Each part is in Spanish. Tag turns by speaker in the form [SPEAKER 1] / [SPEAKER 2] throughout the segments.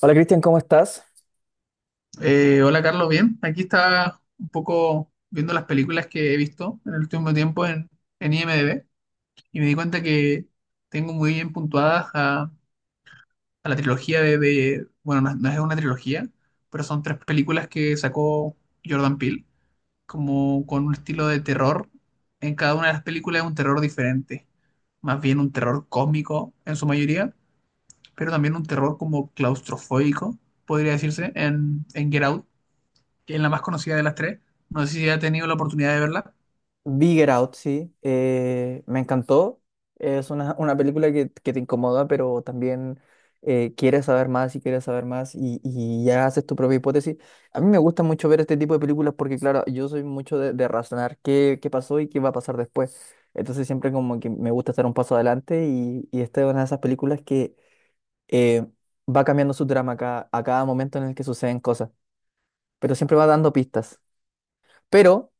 [SPEAKER 1] Hola Cristian, ¿cómo estás?
[SPEAKER 2] Hola Carlos, bien. Aquí estaba un poco viendo las películas que he visto en el último tiempo en IMDb y me di cuenta que tengo muy bien puntuadas a la trilogía de. Bueno, no es una trilogía, pero son tres películas que sacó Jordan Peele, como con un estilo de terror. En cada una de las películas es un terror diferente, más bien un terror cósmico en su mayoría, pero también un terror como claustrofóbico, podría decirse, en Get Out, que es la más conocida de las tres. No sé si ha tenido la oportunidad de verla.
[SPEAKER 1] Bigger Out, sí. Me encantó. Es una película que te incomoda, pero también quieres saber más y quieres saber más y ya haces tu propia hipótesis. A mí me gusta mucho ver este tipo de películas porque, claro, yo soy mucho de razonar qué, qué pasó y qué va a pasar después. Entonces siempre como que me gusta estar un paso adelante y esta es una de esas películas que eh, va cambiando su trama a cada momento en el que suceden cosas, pero siempre va dando pistas. Pero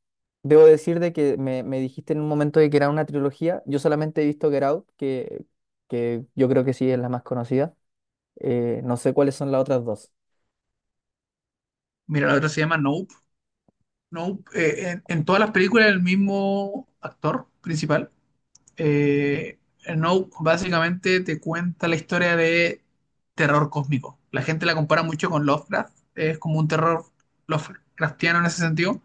[SPEAKER 1] debo decir de que me dijiste en un momento de que era una trilogía. Yo solamente he visto Get Out, que yo creo que sí es la más conocida. No sé cuáles son las otras dos.
[SPEAKER 2] Mira, la otra se llama Nope. Nope. En todas las películas el mismo actor principal. Eh, Nope básicamente te cuenta la historia de terror cósmico. La gente la compara mucho con Lovecraft. Es como un terror Lovecraftiano en ese sentido.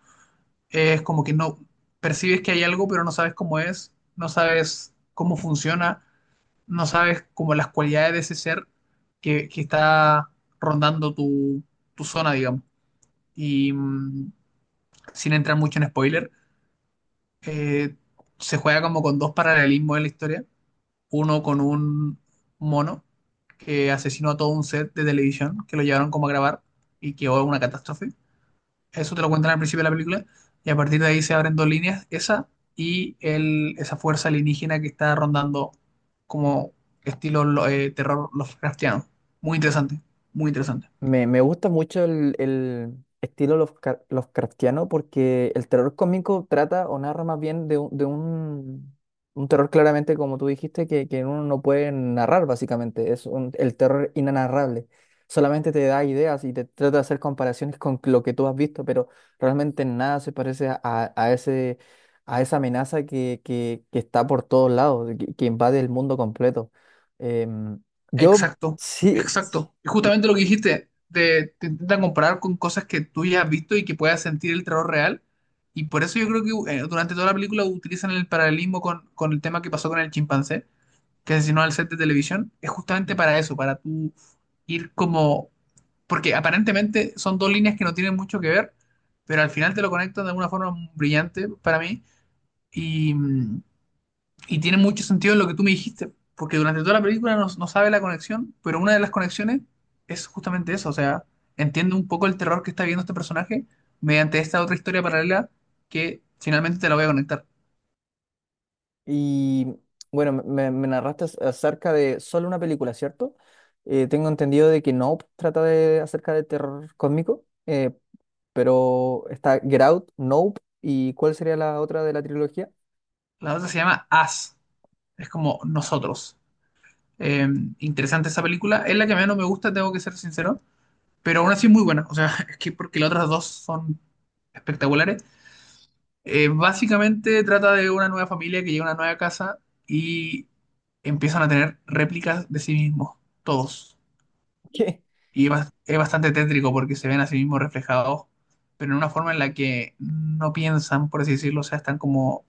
[SPEAKER 2] Es como que no percibes que hay algo, pero no sabes cómo es, no sabes cómo funciona, no sabes como las cualidades de ese ser que está rondando tu zona, digamos. Y sin entrar mucho en spoiler, eh, se juega como con dos paralelismos en la historia. Uno con un mono que asesinó a todo un set de televisión que lo llevaron como a grabar y que hubo una catástrofe. Eso te lo cuentan al principio de la película. Y a partir de ahí se abren dos líneas, esa y esa fuerza alienígena que está rondando como estilo terror Lovecraftiano. Muy interesante, muy interesante.
[SPEAKER 1] Me gusta mucho el estilo Lovecraftiano porque el terror cómico trata o narra más bien de un terror claramente, como tú dijiste, que uno no puede narrar básicamente. Es el terror inanarrable. Solamente te da ideas y te trata de hacer comparaciones con lo que tú has visto, pero realmente nada se parece a, a ese, a esa amenaza que está por todos lados, que invade el mundo completo. Em, yo
[SPEAKER 2] Exacto,
[SPEAKER 1] sí.
[SPEAKER 2] exacto. Y justamente lo que dijiste, te intentan comparar con cosas que tú ya has visto y que puedas sentir el terror real. Y por eso yo creo que durante toda la película utilizan el paralelismo con el tema que pasó con el chimpancé, que asesinó al set de televisión. Es justamente para eso, para tú ir como, porque aparentemente son dos líneas que no tienen mucho que ver, pero al final te lo conectan de alguna forma brillante para mí y, y tiene mucho sentido en lo que tú me dijiste, porque durante toda la película no sabe la conexión, pero una de las conexiones es justamente eso, o sea, entiende un poco el terror que está viendo este personaje mediante esta otra historia paralela que finalmente te la voy a conectar.
[SPEAKER 1] Y bueno, me narraste acerca de solo una película, ¿cierto? Tengo entendido de que Nope trata de acerca de terror cósmico, pero está Get Out, Nope, ¿y cuál sería la otra de la trilogía?
[SPEAKER 2] La otra se llama As, es como nosotros. Eh, interesante esa película, es la que menos me gusta, tengo que ser sincero, pero aún así es muy buena. O sea, es que porque las otras dos son espectaculares. Básicamente trata de una nueva familia que llega a una nueva casa y empiezan a tener réplicas de sí mismos, todos.
[SPEAKER 1] ¿Qué?
[SPEAKER 2] Y es bastante tétrico porque se ven a sí mismos reflejados, pero en una forma en la que no piensan, por así decirlo, o sea, están como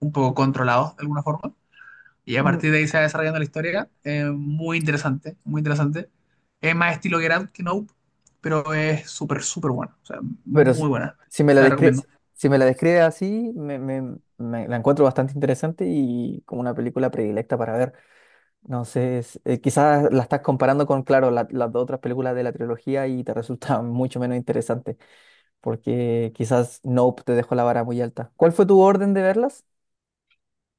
[SPEAKER 2] un poco controlados de alguna forma. Y a
[SPEAKER 1] Mm.
[SPEAKER 2] partir de ahí se va desarrollando la historia. Muy interesante, muy interesante. Es más estilo Get Out que Nope, pero es súper, súper bueno. O sea,
[SPEAKER 1] Pero
[SPEAKER 2] muy
[SPEAKER 1] si,
[SPEAKER 2] buena.
[SPEAKER 1] si me la
[SPEAKER 2] Te la recomiendo.
[SPEAKER 1] si me la describe así, me, me la encuentro bastante interesante y como una película predilecta para ver. No sé, quizás la estás comparando con, claro, las dos otras películas de la trilogía y te resulta mucho menos interesante. Porque quizás Nope te dejó la vara muy alta. ¿Cuál fue tu orden de verlas?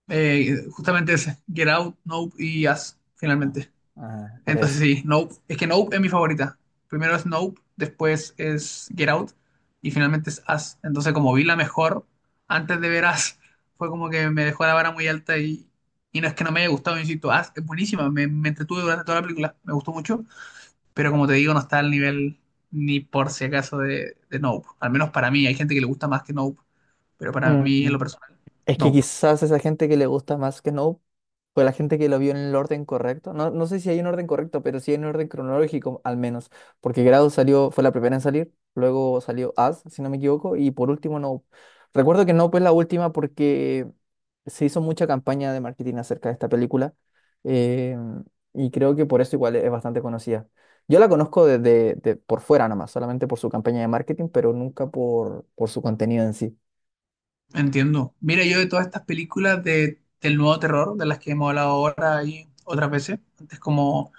[SPEAKER 2] Justamente ese, Get Out, Nope y Us,
[SPEAKER 1] Ah,
[SPEAKER 2] finalmente.
[SPEAKER 1] ah, por
[SPEAKER 2] Entonces
[SPEAKER 1] eso.
[SPEAKER 2] sí, Nope. Es que Nope es mi favorita. Primero es Nope, después es Get Out y finalmente es Us. Entonces como vi la mejor antes de ver Us, fue como que me dejó la vara muy alta y no es que no me haya gustado, insisto, Us es buenísima, me entretuve durante toda la película, me gustó mucho, pero como te digo, no está al nivel ni por si acaso de Nope. Al menos para mí, hay gente que le gusta más que Nope, pero para mí en lo
[SPEAKER 1] Mm.
[SPEAKER 2] personal,
[SPEAKER 1] Es que
[SPEAKER 2] Nope.
[SPEAKER 1] quizás esa gente que le gusta más que Snow fue la gente que lo vio en el orden correcto. No, no sé si hay un orden correcto, pero sí hay un orden cronológico al menos. Porque Grado salió, fue la primera en salir, luego salió As, si no me equivoco, y por último Nope. Recuerdo que Nope fue la última porque se hizo mucha campaña de marketing acerca de esta película. eh, y creo que por eso igual es bastante conocida. Yo la conozco desde por fuera nomás, solamente por su campaña de marketing, pero nunca por, por su contenido en sí.
[SPEAKER 2] Entiendo. Mira, yo de todas estas películas del nuevo terror, de las que hemos hablado ahora y otras veces, antes como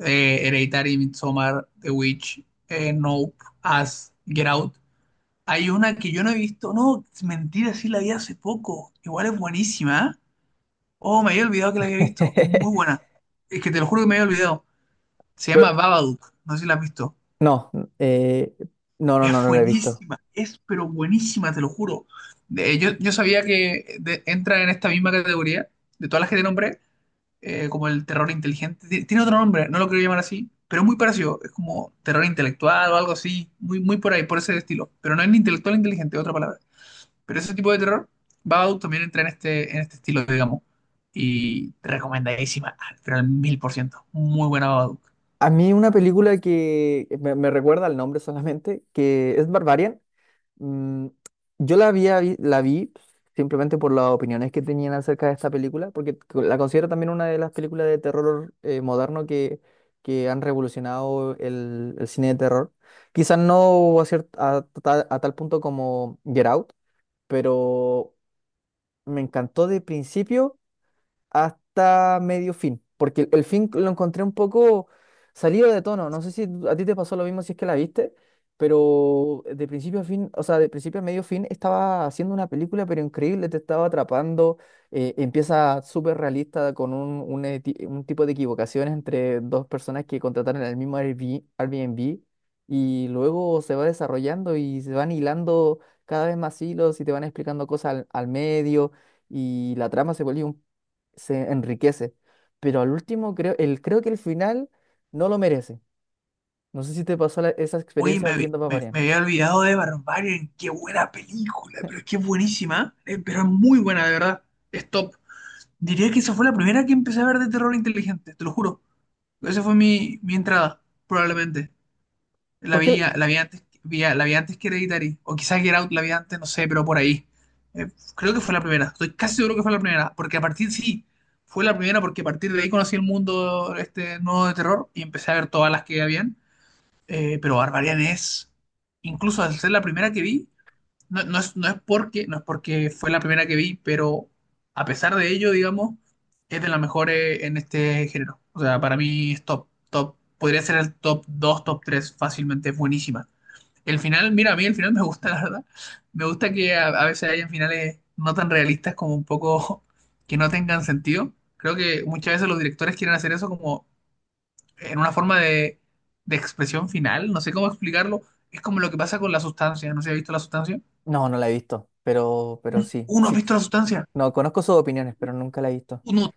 [SPEAKER 2] Hereditary, Midsommar, The Witch, Nope, Us, Get Out, hay una que yo no he visto, no, es mentira, sí la vi hace poco, igual es buenísima, ¿eh? Oh, me había olvidado que la había visto, es muy buena. Es que te lo juro que me había olvidado. Se llama
[SPEAKER 1] Pe-
[SPEAKER 2] Babadook, no sé si la has visto.
[SPEAKER 1] No, eh, no, no,
[SPEAKER 2] Es
[SPEAKER 1] no, no la he visto.
[SPEAKER 2] buenísima, es pero buenísima, te lo juro. Yo sabía que entra en esta misma categoría, de todas las que te nombré, como el terror inteligente. Tiene otro nombre, no lo quiero llamar así, pero es muy parecido. Es como terror intelectual o algo así, muy, muy por ahí, por ese estilo. Pero no es ni intelectual ni inteligente, es otra palabra. Pero ese tipo de terror, Babadook también entra en en este estilo, digamos. Y recomendadísima, pero al 100%. Muy buena Babadook.
[SPEAKER 1] A mí una película que me recuerda el nombre solamente, que es Barbarian. mm, yo la la vi simplemente por las opiniones que tenían acerca de esta película, porque la considero también una de las películas de terror moderno que han revolucionado el cine de terror. Quizás no a, a tal punto como Get Out, pero me encantó de principio hasta medio fin, porque el fin lo encontré un poco salido de tono. No sé si a ti te pasó lo mismo si es que la viste, pero de principio a fin, o sea, de principio a medio fin estaba haciendo una película, pero increíble, te estaba atrapando. Empieza súper realista con un, un tipo de equivocaciones entre dos personas que contrataron el mismo Airbnb, Airbnb, y luego se va desarrollando y se van hilando cada vez más hilos y te van explicando cosas al al medio y la trama se enriquece. Pero al último, creo, el, creo que el final no lo merece. No sé si te pasó esa
[SPEAKER 2] Oye,
[SPEAKER 1] experiencia viendo Paparian.
[SPEAKER 2] me había olvidado de Barbarian. Qué buena película, pero es que es buenísima, ¿eh? Pero es muy buena, de verdad. Es top. Diría que esa fue la primera que empecé a ver de terror inteligente, te lo juro. Esa fue mi entrada, probablemente.
[SPEAKER 1] ¿Por qué?
[SPEAKER 2] La vi antes, la vi antes que Hereditary. O quizás Get Out la vi antes, no sé, pero por ahí. Eh, creo que fue la primera. Estoy casi seguro que fue la primera. Porque a partir, sí, fue la primera porque a partir de ahí conocí el mundo este nuevo de terror y empecé a ver todas las que habían. Pero Barbarian es, incluso al ser la primera que vi, no es porque, no es porque fue la primera que vi, pero a pesar de ello, digamos, es de las mejores en este género. O sea, para mí es top, top, podría ser el top 2 top 3 fácilmente, es buenísima. El final, mira, a mí el final me gusta, la verdad. Me gusta que a veces hayan finales no tan realistas como un poco que no tengan sentido. Creo que muchas veces los directores quieren hacer eso como en una forma de expresión final, no sé cómo explicarlo, es como lo que pasa con la sustancia, no sé si has visto la sustancia.
[SPEAKER 1] No, no la he visto, pero sí,
[SPEAKER 2] Uno ha
[SPEAKER 1] sí.
[SPEAKER 2] visto la sustancia,
[SPEAKER 1] No, conozco sus opiniones, pero nunca la he visto.
[SPEAKER 2] uno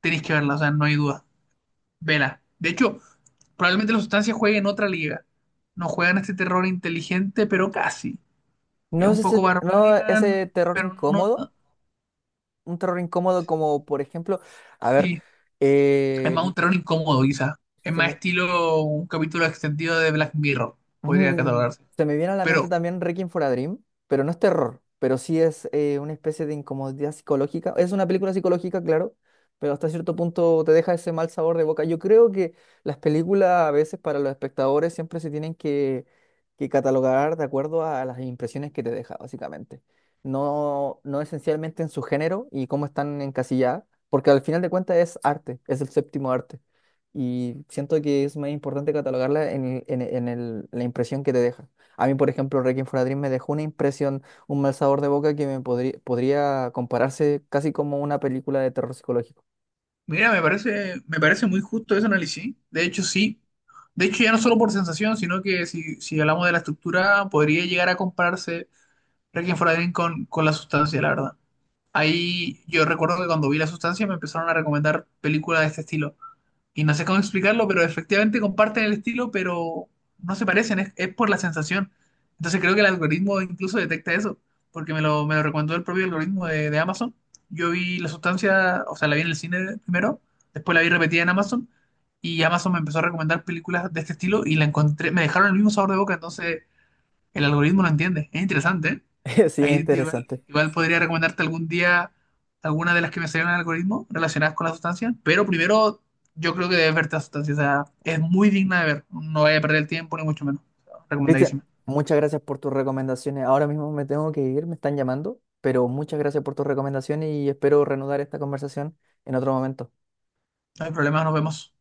[SPEAKER 2] tenéis que verla, o sea, no hay duda, vela. De hecho, probablemente la sustancia juegue en otra liga, no juegan este terror inteligente, pero casi. Es
[SPEAKER 1] No es
[SPEAKER 2] un
[SPEAKER 1] ese,
[SPEAKER 2] poco
[SPEAKER 1] no
[SPEAKER 2] barbarian,
[SPEAKER 1] ese terror
[SPEAKER 2] pero no...
[SPEAKER 1] incómodo,
[SPEAKER 2] ta-
[SPEAKER 1] un terror incómodo como, por ejemplo, a ver,
[SPEAKER 2] Sí, es
[SPEAKER 1] eh,
[SPEAKER 2] más un terror incómodo quizás, es
[SPEAKER 1] se
[SPEAKER 2] más
[SPEAKER 1] me-
[SPEAKER 2] estilo un capítulo extendido de Black Mirror, podría
[SPEAKER 1] Mm,
[SPEAKER 2] catalogarse.
[SPEAKER 1] se me viene a la mente
[SPEAKER 2] Pero
[SPEAKER 1] también Requiem for a Dream, pero no es terror, pero sí es una especie de incomodidad psicológica. Es una película psicológica, claro, pero hasta cierto punto te deja ese mal sabor de boca. Yo creo que las películas a veces para los espectadores siempre se tienen que catalogar de acuerdo a las impresiones que te deja, básicamente. No, no esencialmente en su género y cómo están encasilladas, porque al final de cuentas es arte, es el séptimo arte y siento que es más importante catalogarla en, en la impresión que te deja. A mí, por ejemplo, Requiem for a Dream me dejó una impresión, un mal sabor de boca que me podría, podría compararse casi como una película de terror psicológico.
[SPEAKER 2] mira, me parece muy justo ese análisis. De hecho, sí. De hecho, ya no solo por sensación, sino que si hablamos de la estructura, podría llegar a compararse Requiem for a Dream con la sustancia, la verdad. Ahí yo recuerdo que cuando vi la sustancia me empezaron a recomendar películas de este estilo y no sé cómo explicarlo, pero efectivamente comparten el estilo, pero no se parecen, es por la sensación. Entonces creo que el algoritmo incluso detecta eso, porque me lo recomendó el propio algoritmo de Amazon. Yo vi la sustancia, o sea, la vi en el cine primero, después la vi repetida en Amazon, y Amazon me empezó a recomendar películas de este estilo y la encontré, me dejaron el mismo sabor de boca, entonces el algoritmo lo entiende. Es interesante, ¿eh?
[SPEAKER 1] Sí,
[SPEAKER 2] Ahí te igual,
[SPEAKER 1] interesante.
[SPEAKER 2] igual podría recomendarte algún día alguna de las que me salieron en el algoritmo relacionadas con la sustancia, pero primero yo creo que debes verte la sustancia. O sea, es muy digna de ver. No vaya a perder el tiempo, ni mucho menos.
[SPEAKER 1] Cristian,
[SPEAKER 2] Recomendadísima.
[SPEAKER 1] muchas gracias por tus recomendaciones. Ahora mismo me tengo que ir, me están llamando, pero muchas gracias por tus recomendaciones y espero reanudar esta conversación en otro momento.
[SPEAKER 2] No hay problema, nos vemos.